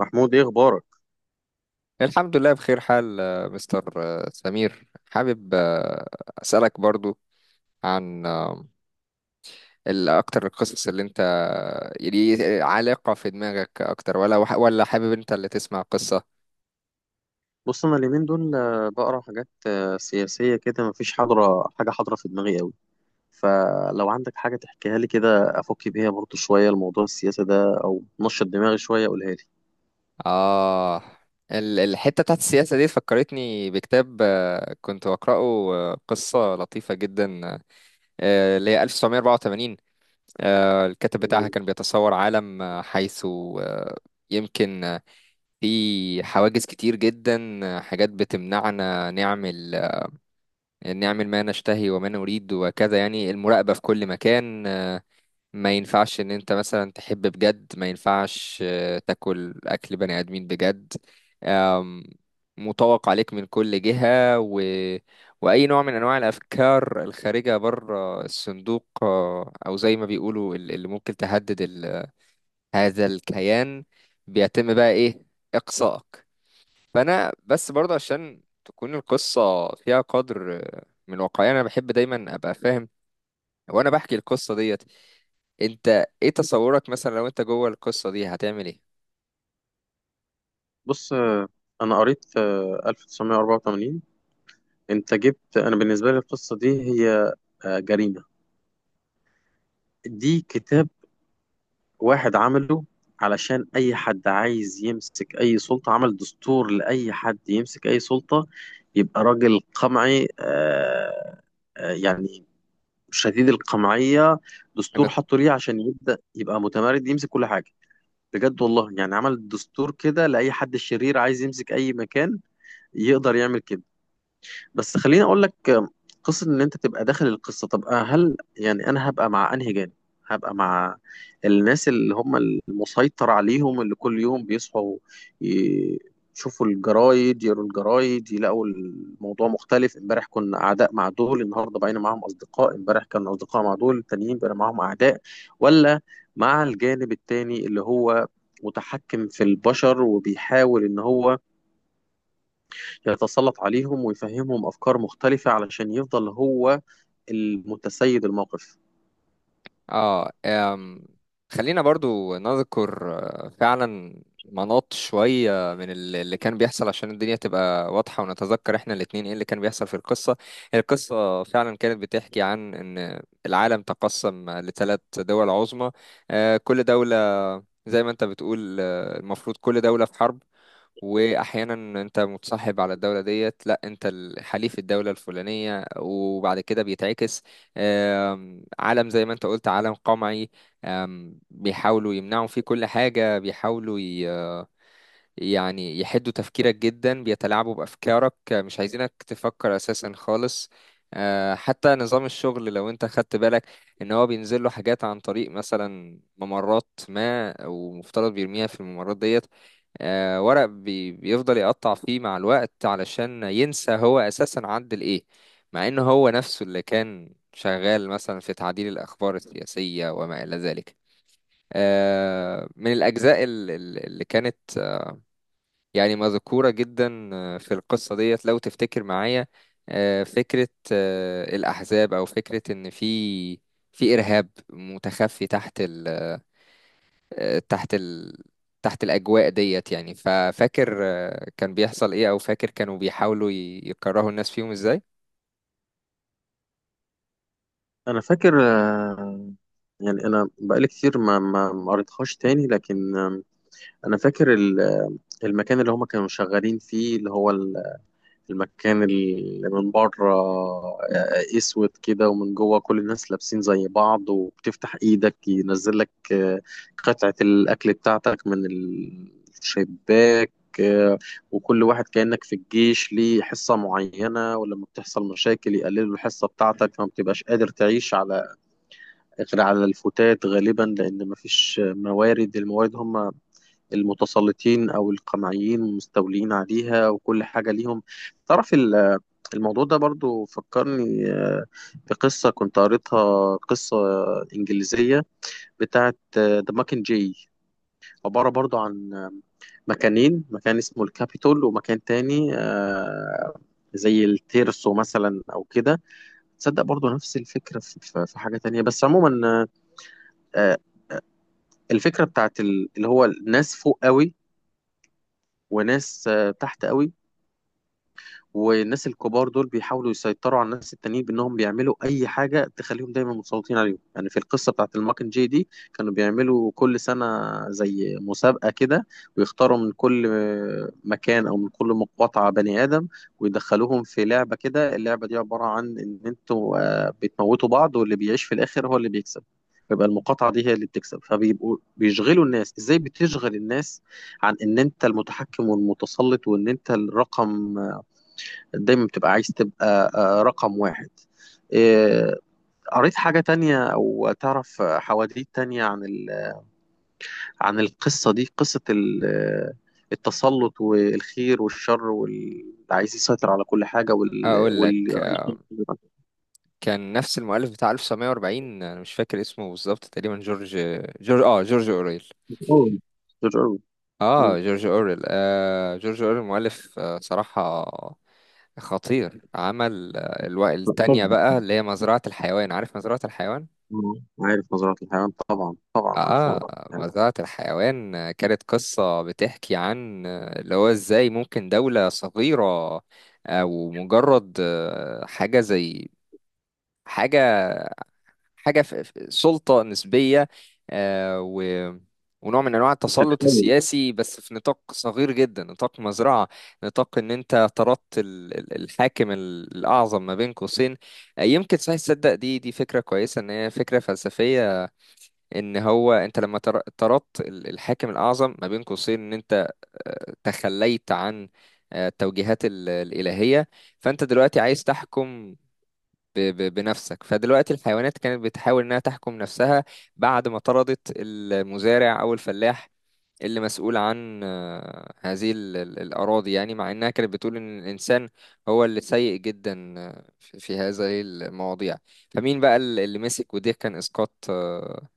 محمود، ايه اخبارك؟ الحمد لله بخير حال مستر سمير حابب أسألك برضو عن أكتر القصص اللي أنت يعني عالقة في دماغك أكتر ولا حابب أنت اللي تسمع قصة. بص انا اليومين دول بقرا حاجات سياسيه كده، مفيش حاجه حاضره في دماغي قوي. فلو عندك حاجه تحكيها لي كده افك بيها برضو شويه الموضوع السياسي ده او نشط دماغي شويه، قولها لي. آه الحتة بتاعت السياسة دي فكرتني بكتاب كنت بقرأه. قصة لطيفة جدا، اللي هي 1984. الكاتب بتاعها كان بيتصور عالم، حيث يمكن في حواجز كتير جدا، حاجات بتمنعنا نعمل، نعمل ما نشتهي وما نريد وكذا، يعني المراقبة في كل مكان. ما ينفعش ان انت مثلا تحب بجد، ما ينفعش تاكل اكل بني ادمين بجد. أم، مطوق عليك من كل جهة. و... واي نوع من انواع الافكار الخارجة بره الصندوق، او زي ما بيقولوا اللي ممكن تهدد هذا الكيان، بيتم بقى ايه، اقصائك. فانا بس برضه عشان تكون القصه فيها قدر من واقعيه، انا بحب دايما ابقى فاهم وانا بحكي القصه ديت. انت ايه تصورك مثلا لو انت جوه القصه دي هتعمل ايه؟ بص، انا قريت 1984. انت جبت، انا بالنسبه لي القصه دي هي جريمه. دي كتاب واحد عمله علشان أي حد عايز يمسك أي سلطة، عمل دستور لأي حد يمسك أي سلطة يبقى راجل قمعي، يعني شديد القمعية. دستور انا حطوا ليه عشان يبدأ يبقى متمرد يمسك كل حاجة، بجد والله. يعني عمل دستور كده لأي حد شرير عايز يمسك أي مكان يقدر يعمل كده. بس خليني اقول لك قصه ان انت تبقى داخل القصه. طب هل يعني انا هبقى مع انهي جانب؟ هبقى مع الناس اللي هم المسيطر عليهم، اللي كل يوم بيصحوا ي- يشوفوا الجرايد، يقروا الجرايد يلاقوا الموضوع مختلف، امبارح كنا اعداء مع دول النهارده بقينا معاهم اصدقاء، امبارح كانوا اصدقاء مع دول التانيين بقينا معاهم اعداء، ولا مع الجانب التاني اللي هو متحكم في البشر وبيحاول ان هو يتسلط عليهم ويفهمهم أفكار مختلفة علشان يفضل هو المتسيد الموقف؟ اه. خلينا برضو نذكر فعلا مناط شوية من اللي كان بيحصل عشان الدنيا تبقى واضحة، ونتذكر احنا الاتنين ايه اللي كان بيحصل في القصة. القصة فعلا كانت بتحكي عن ان العالم تقسم لثلاث دول عظمى. كل دولة زي ما انت بتقول، المفروض كل دولة في حرب، واحيانا انت متصاحب على الدوله ديت، لا انت حليف الدوله الفلانيه وبعد كده بيتعكس. عالم زي ما انت قلت، عالم قمعي. بيحاولوا يمنعوا فيه كل حاجه، بيحاولوا يعني يحدوا تفكيرك جدا، بيتلاعبوا بافكارك، مش عايزينك تفكر اساسا خالص. حتى نظام الشغل لو انت خدت بالك، ان هو بينزل له حاجات عن طريق مثلا ممرات ما، ومفترض بيرميها في الممرات ديت، ورق بي بيفضل يقطع فيه مع الوقت علشان ينسى هو أساسا عدل إيه، مع إن هو نفسه اللي كان شغال مثلا في تعديل الأخبار السياسية وما إلى ذلك. من الأجزاء اللي كانت يعني مذكورة جدا في القصة ديت، لو تفتكر معايا، فكرة الأحزاب، أو فكرة إن في إرهاب متخفي تحت ال، تحت تحت الأجواء ديت، يعني ففاكر كان بيحصل إيه، أو فاكر كانوا بيحاولوا يكرهوا الناس فيهم إزاي؟ أنا فاكر يعني أنا بقالي كتير ما قريتهاش تاني، لكن أنا فاكر المكان اللي هما كانوا شغالين فيه، اللي هو المكان اللي من بره اسود كده، ومن جوه كل الناس لابسين زي بعض، وبتفتح ايدك ينزل لك قطعة الاكل بتاعتك من الشباك، آه، وكل واحد كأنك في الجيش ليه حصة معينة، ولما بتحصل مشاكل يقللوا الحصة بتاعتك فما بتبقاش قادر تعيش على غير على الفتات غالبا، لأن مفيش موارد. الموارد هم المتسلطين أو القمعيين مستولين عليها، وكل حاجة ليهم. تعرف، الموضوع ده برضو فكرني بقصة كنت قريتها، قصة إنجليزية بتاعت ذا ماكن جاي، عبارة برضو عن مكانين، مكان اسمه الكابيتول ومكان تاني زي التيرسو مثلا أو كده. تصدق برضو نفس الفكرة في حاجة تانية. بس عموما آه، الفكرة بتاعت اللي هو ناس فوق قوي وناس تحت قوي، والناس الكبار دول بيحاولوا يسيطروا على الناس التانيين بانهم بيعملوا اي حاجه تخليهم دايما متسلطين عليهم. يعني في القصه بتاعت الماكن جي دي كانوا بيعملوا كل سنه زي مسابقه كده، ويختاروا من كل مكان او من كل مقاطعه بني ادم ويدخلوهم في لعبه كده. اللعبه دي عباره عن ان انتوا بتموتوا بعض، واللي بيعيش في الاخر هو اللي بيكسب، يبقى المقاطعة دي هي اللي بتكسب. فبيبقوا بيشغلوا الناس. ازاي بتشغل الناس عن ان انت المتحكم والمتسلط وان انت الرقم؟ دايما بتبقى عايز تبقى رقم واحد. آه، قريت حاجة تانية أو تعرف حواديت تانية عن عن القصة دي، قصة ال... آه، التسلط والخير والشر واللي عايز يسيطر على كل حاجة وال... أقول لك وال... كان نفس المؤلف بتاع 1940، أنا مش فاكر اسمه بالظبط، تقريبا جورج جورج آه جورج أوريل مم. آه جورج أوريل آه جورج أوريل، مؤلف صراحة خطير. عمل لا، التانية طبعا. بقى اللي هي مزرعة الحيوان. عارف مزرعة الحيوان؟ آه، عارف نظرات الحيوان، طبعا. طبعا عارف اه. نظرات الحيوان. مزرعة الحيوان كانت قصة بتحكي عن اللي هو ازاي ممكن دولة صغيرة، او مجرد حاجة زي حاجة حاجة في في سلطة نسبية، آه، و ونوع من انواع التسلط تتحول. السياسي بس في نطاق صغير جدا، نطاق مزرعة. نطاق ان انت طردت الحاكم الاعظم ما بين قوسين. يمكن صحيح، تصدق دي فكرة كويسة، ان هي فكرة فلسفية، ان هو انت لما طردت الحاكم الاعظم ما بين قوسين، ان انت تخليت عن التوجيهات الالهيه، فانت دلوقتي عايز تحكم بنفسك. فدلوقتي الحيوانات كانت بتحاول انها تحكم نفسها بعد ما طردت المزارع او الفلاح، اللي مسؤول عن هذه الأراضي، يعني مع إنها كانت بتقول إن الإنسان هو اللي سيء جدا في في هذه المواضيع. فمين بقى اللي مسك؟ وده كان إسقاط آه،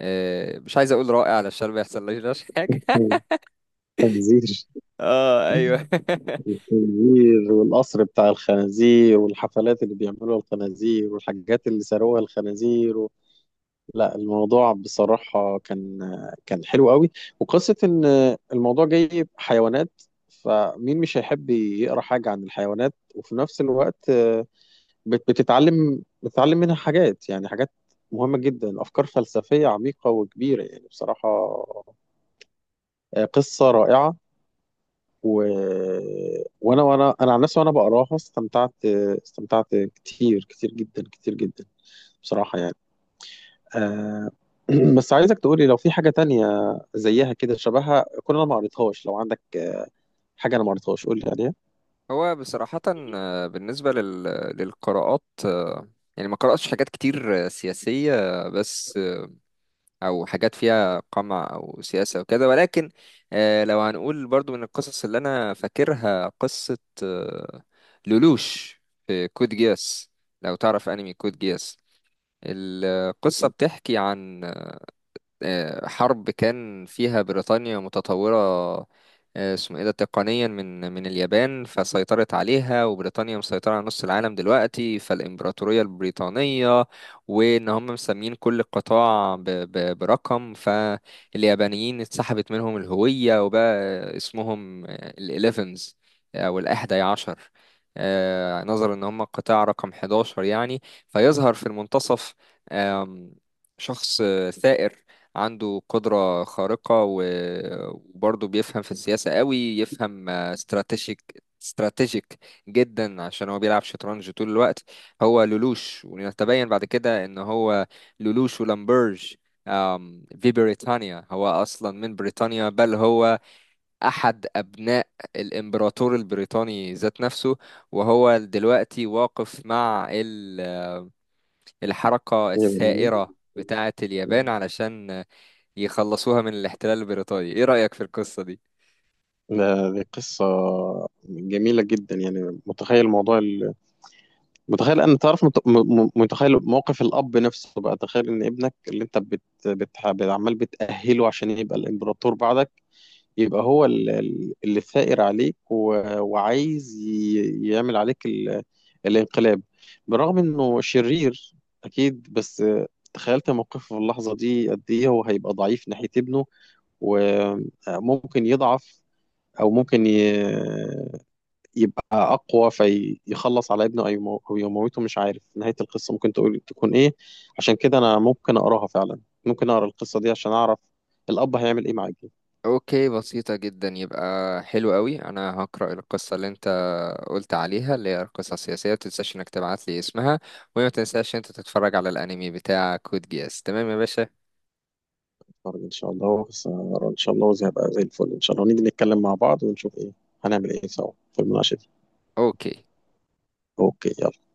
آه، مش عايز اقول رائع علشان ما يحصلناش حاجه. تنذير. اه ايوه. الخنزير والقصر بتاع الخنازير، والحفلات اللي بيعملوها الخنازير، والحاجات اللي ساروها الخنازير و... لا، الموضوع بصراحة كان حلو قوي. وقصة إن الموضوع جاي حيوانات، فمين مش هيحب يقرأ حاجة عن الحيوانات؟ وفي نفس الوقت بتتعلم منها حاجات، يعني حاجات مهمة جدا، أفكار فلسفية عميقة وكبيرة، يعني بصراحة قصة رائعة و... وانا عن نفسي وانا بقراها، استمتعت كتير كتير جدا كتير جدا بصراحة. يعني آه... بس عايزك تقولي لو في حاجة تانية زيها كده، شبهها. كل انا ما قريتهاش، لو عندك حاجة انا ما قريتهاش قولي عليها. هو بصراحه بالنسبه للقراءات، يعني ما قراتش حاجات كتير سياسيه، آه، بس آه، او حاجات فيها قمع او سياسه وكده، ولكن لو هنقول برضو من القصص اللي انا فاكرها، قصه آه، لولوش في كود جياس، لو تعرف انمي كود جياس. القصه بتحكي عن حرب كان فيها بريطانيا متطورة، اسمه ايه ده، تقنيا من اليابان، فسيطرت عليها، وبريطانيا مسيطرة على نص العالم دلوقتي، فالإمبراطورية البريطانية، وإن هم مسمين كل قطاع برقم، فاليابانيين اتسحبت منهم الهوية، وبقى اسمهم الإليفنز أو الأحدى عشر، نظرا إن هم قطاع رقم 11 يعني. فيظهر في المنتصف آم، شخص ثائر، عنده قدرة خارقة و- وبرضه بيفهم في السياسة قوي، يفهم استراتيجيك، استراتيجيك جدا عشان هو بيلعب شطرنج طول الوقت. هو لولوش، ونتبين بعد كده ان هو لولوش ولامبرج في بريطانيا، هو اصلا من بريطانيا، بل هو احد ابناء الامبراطور البريطاني ذات نفسه، وهو دلوقتي واقف مع الحركة يا جميل. الثائرة بتاعة اليابان علشان يخلصوها من الاحتلال البريطاني. ايه رأيك في القصة دي؟ دي قصة جميلة جدا. يعني متخيل موضوع، متخيل أنا، تعرف متخيل موقف الأب نفسه بقى. تخيل إن ابنك اللي أنت عمال بتأهله عشان يبقى الإمبراطور بعدك، يبقى هو اللي ثائر عليك و... وعايز يعمل عليك الانقلاب. برغم إنه شرير أكيد، بس تخيلت موقفه في اللحظة دي قد إيه هو هيبقى ضعيف ناحية ابنه. وممكن يضعف أو ممكن يبقى أقوى فيخلص على ابنه، أو أو يموته، مش عارف نهاية القصة ممكن تقول تكون إيه. عشان كده أنا ممكن أقراها فعلا، ممكن أقرأ القصة دي عشان أعرف الأب هيعمل إيه مع ابنه. اوكي، بسيطة جدا، يبقى حلو قوي. انا هقرأ القصة اللي انت قلت عليها، اللي هي القصة السياسية، متنساش انك تبعت لي اسمها. وما تنساش انت تتفرج على الانمي بتاع كود جياس، تمام يا باشا؟ أتفرج إن شاء الله، بس أقرأ إن شاء الله وزي هبقى زي الفل إن شاء الله، نيجي نتكلم مع بعض ونشوف إيه هنعمل إيه سوا في المناقشة دي. اوكي. أوكي، يلا.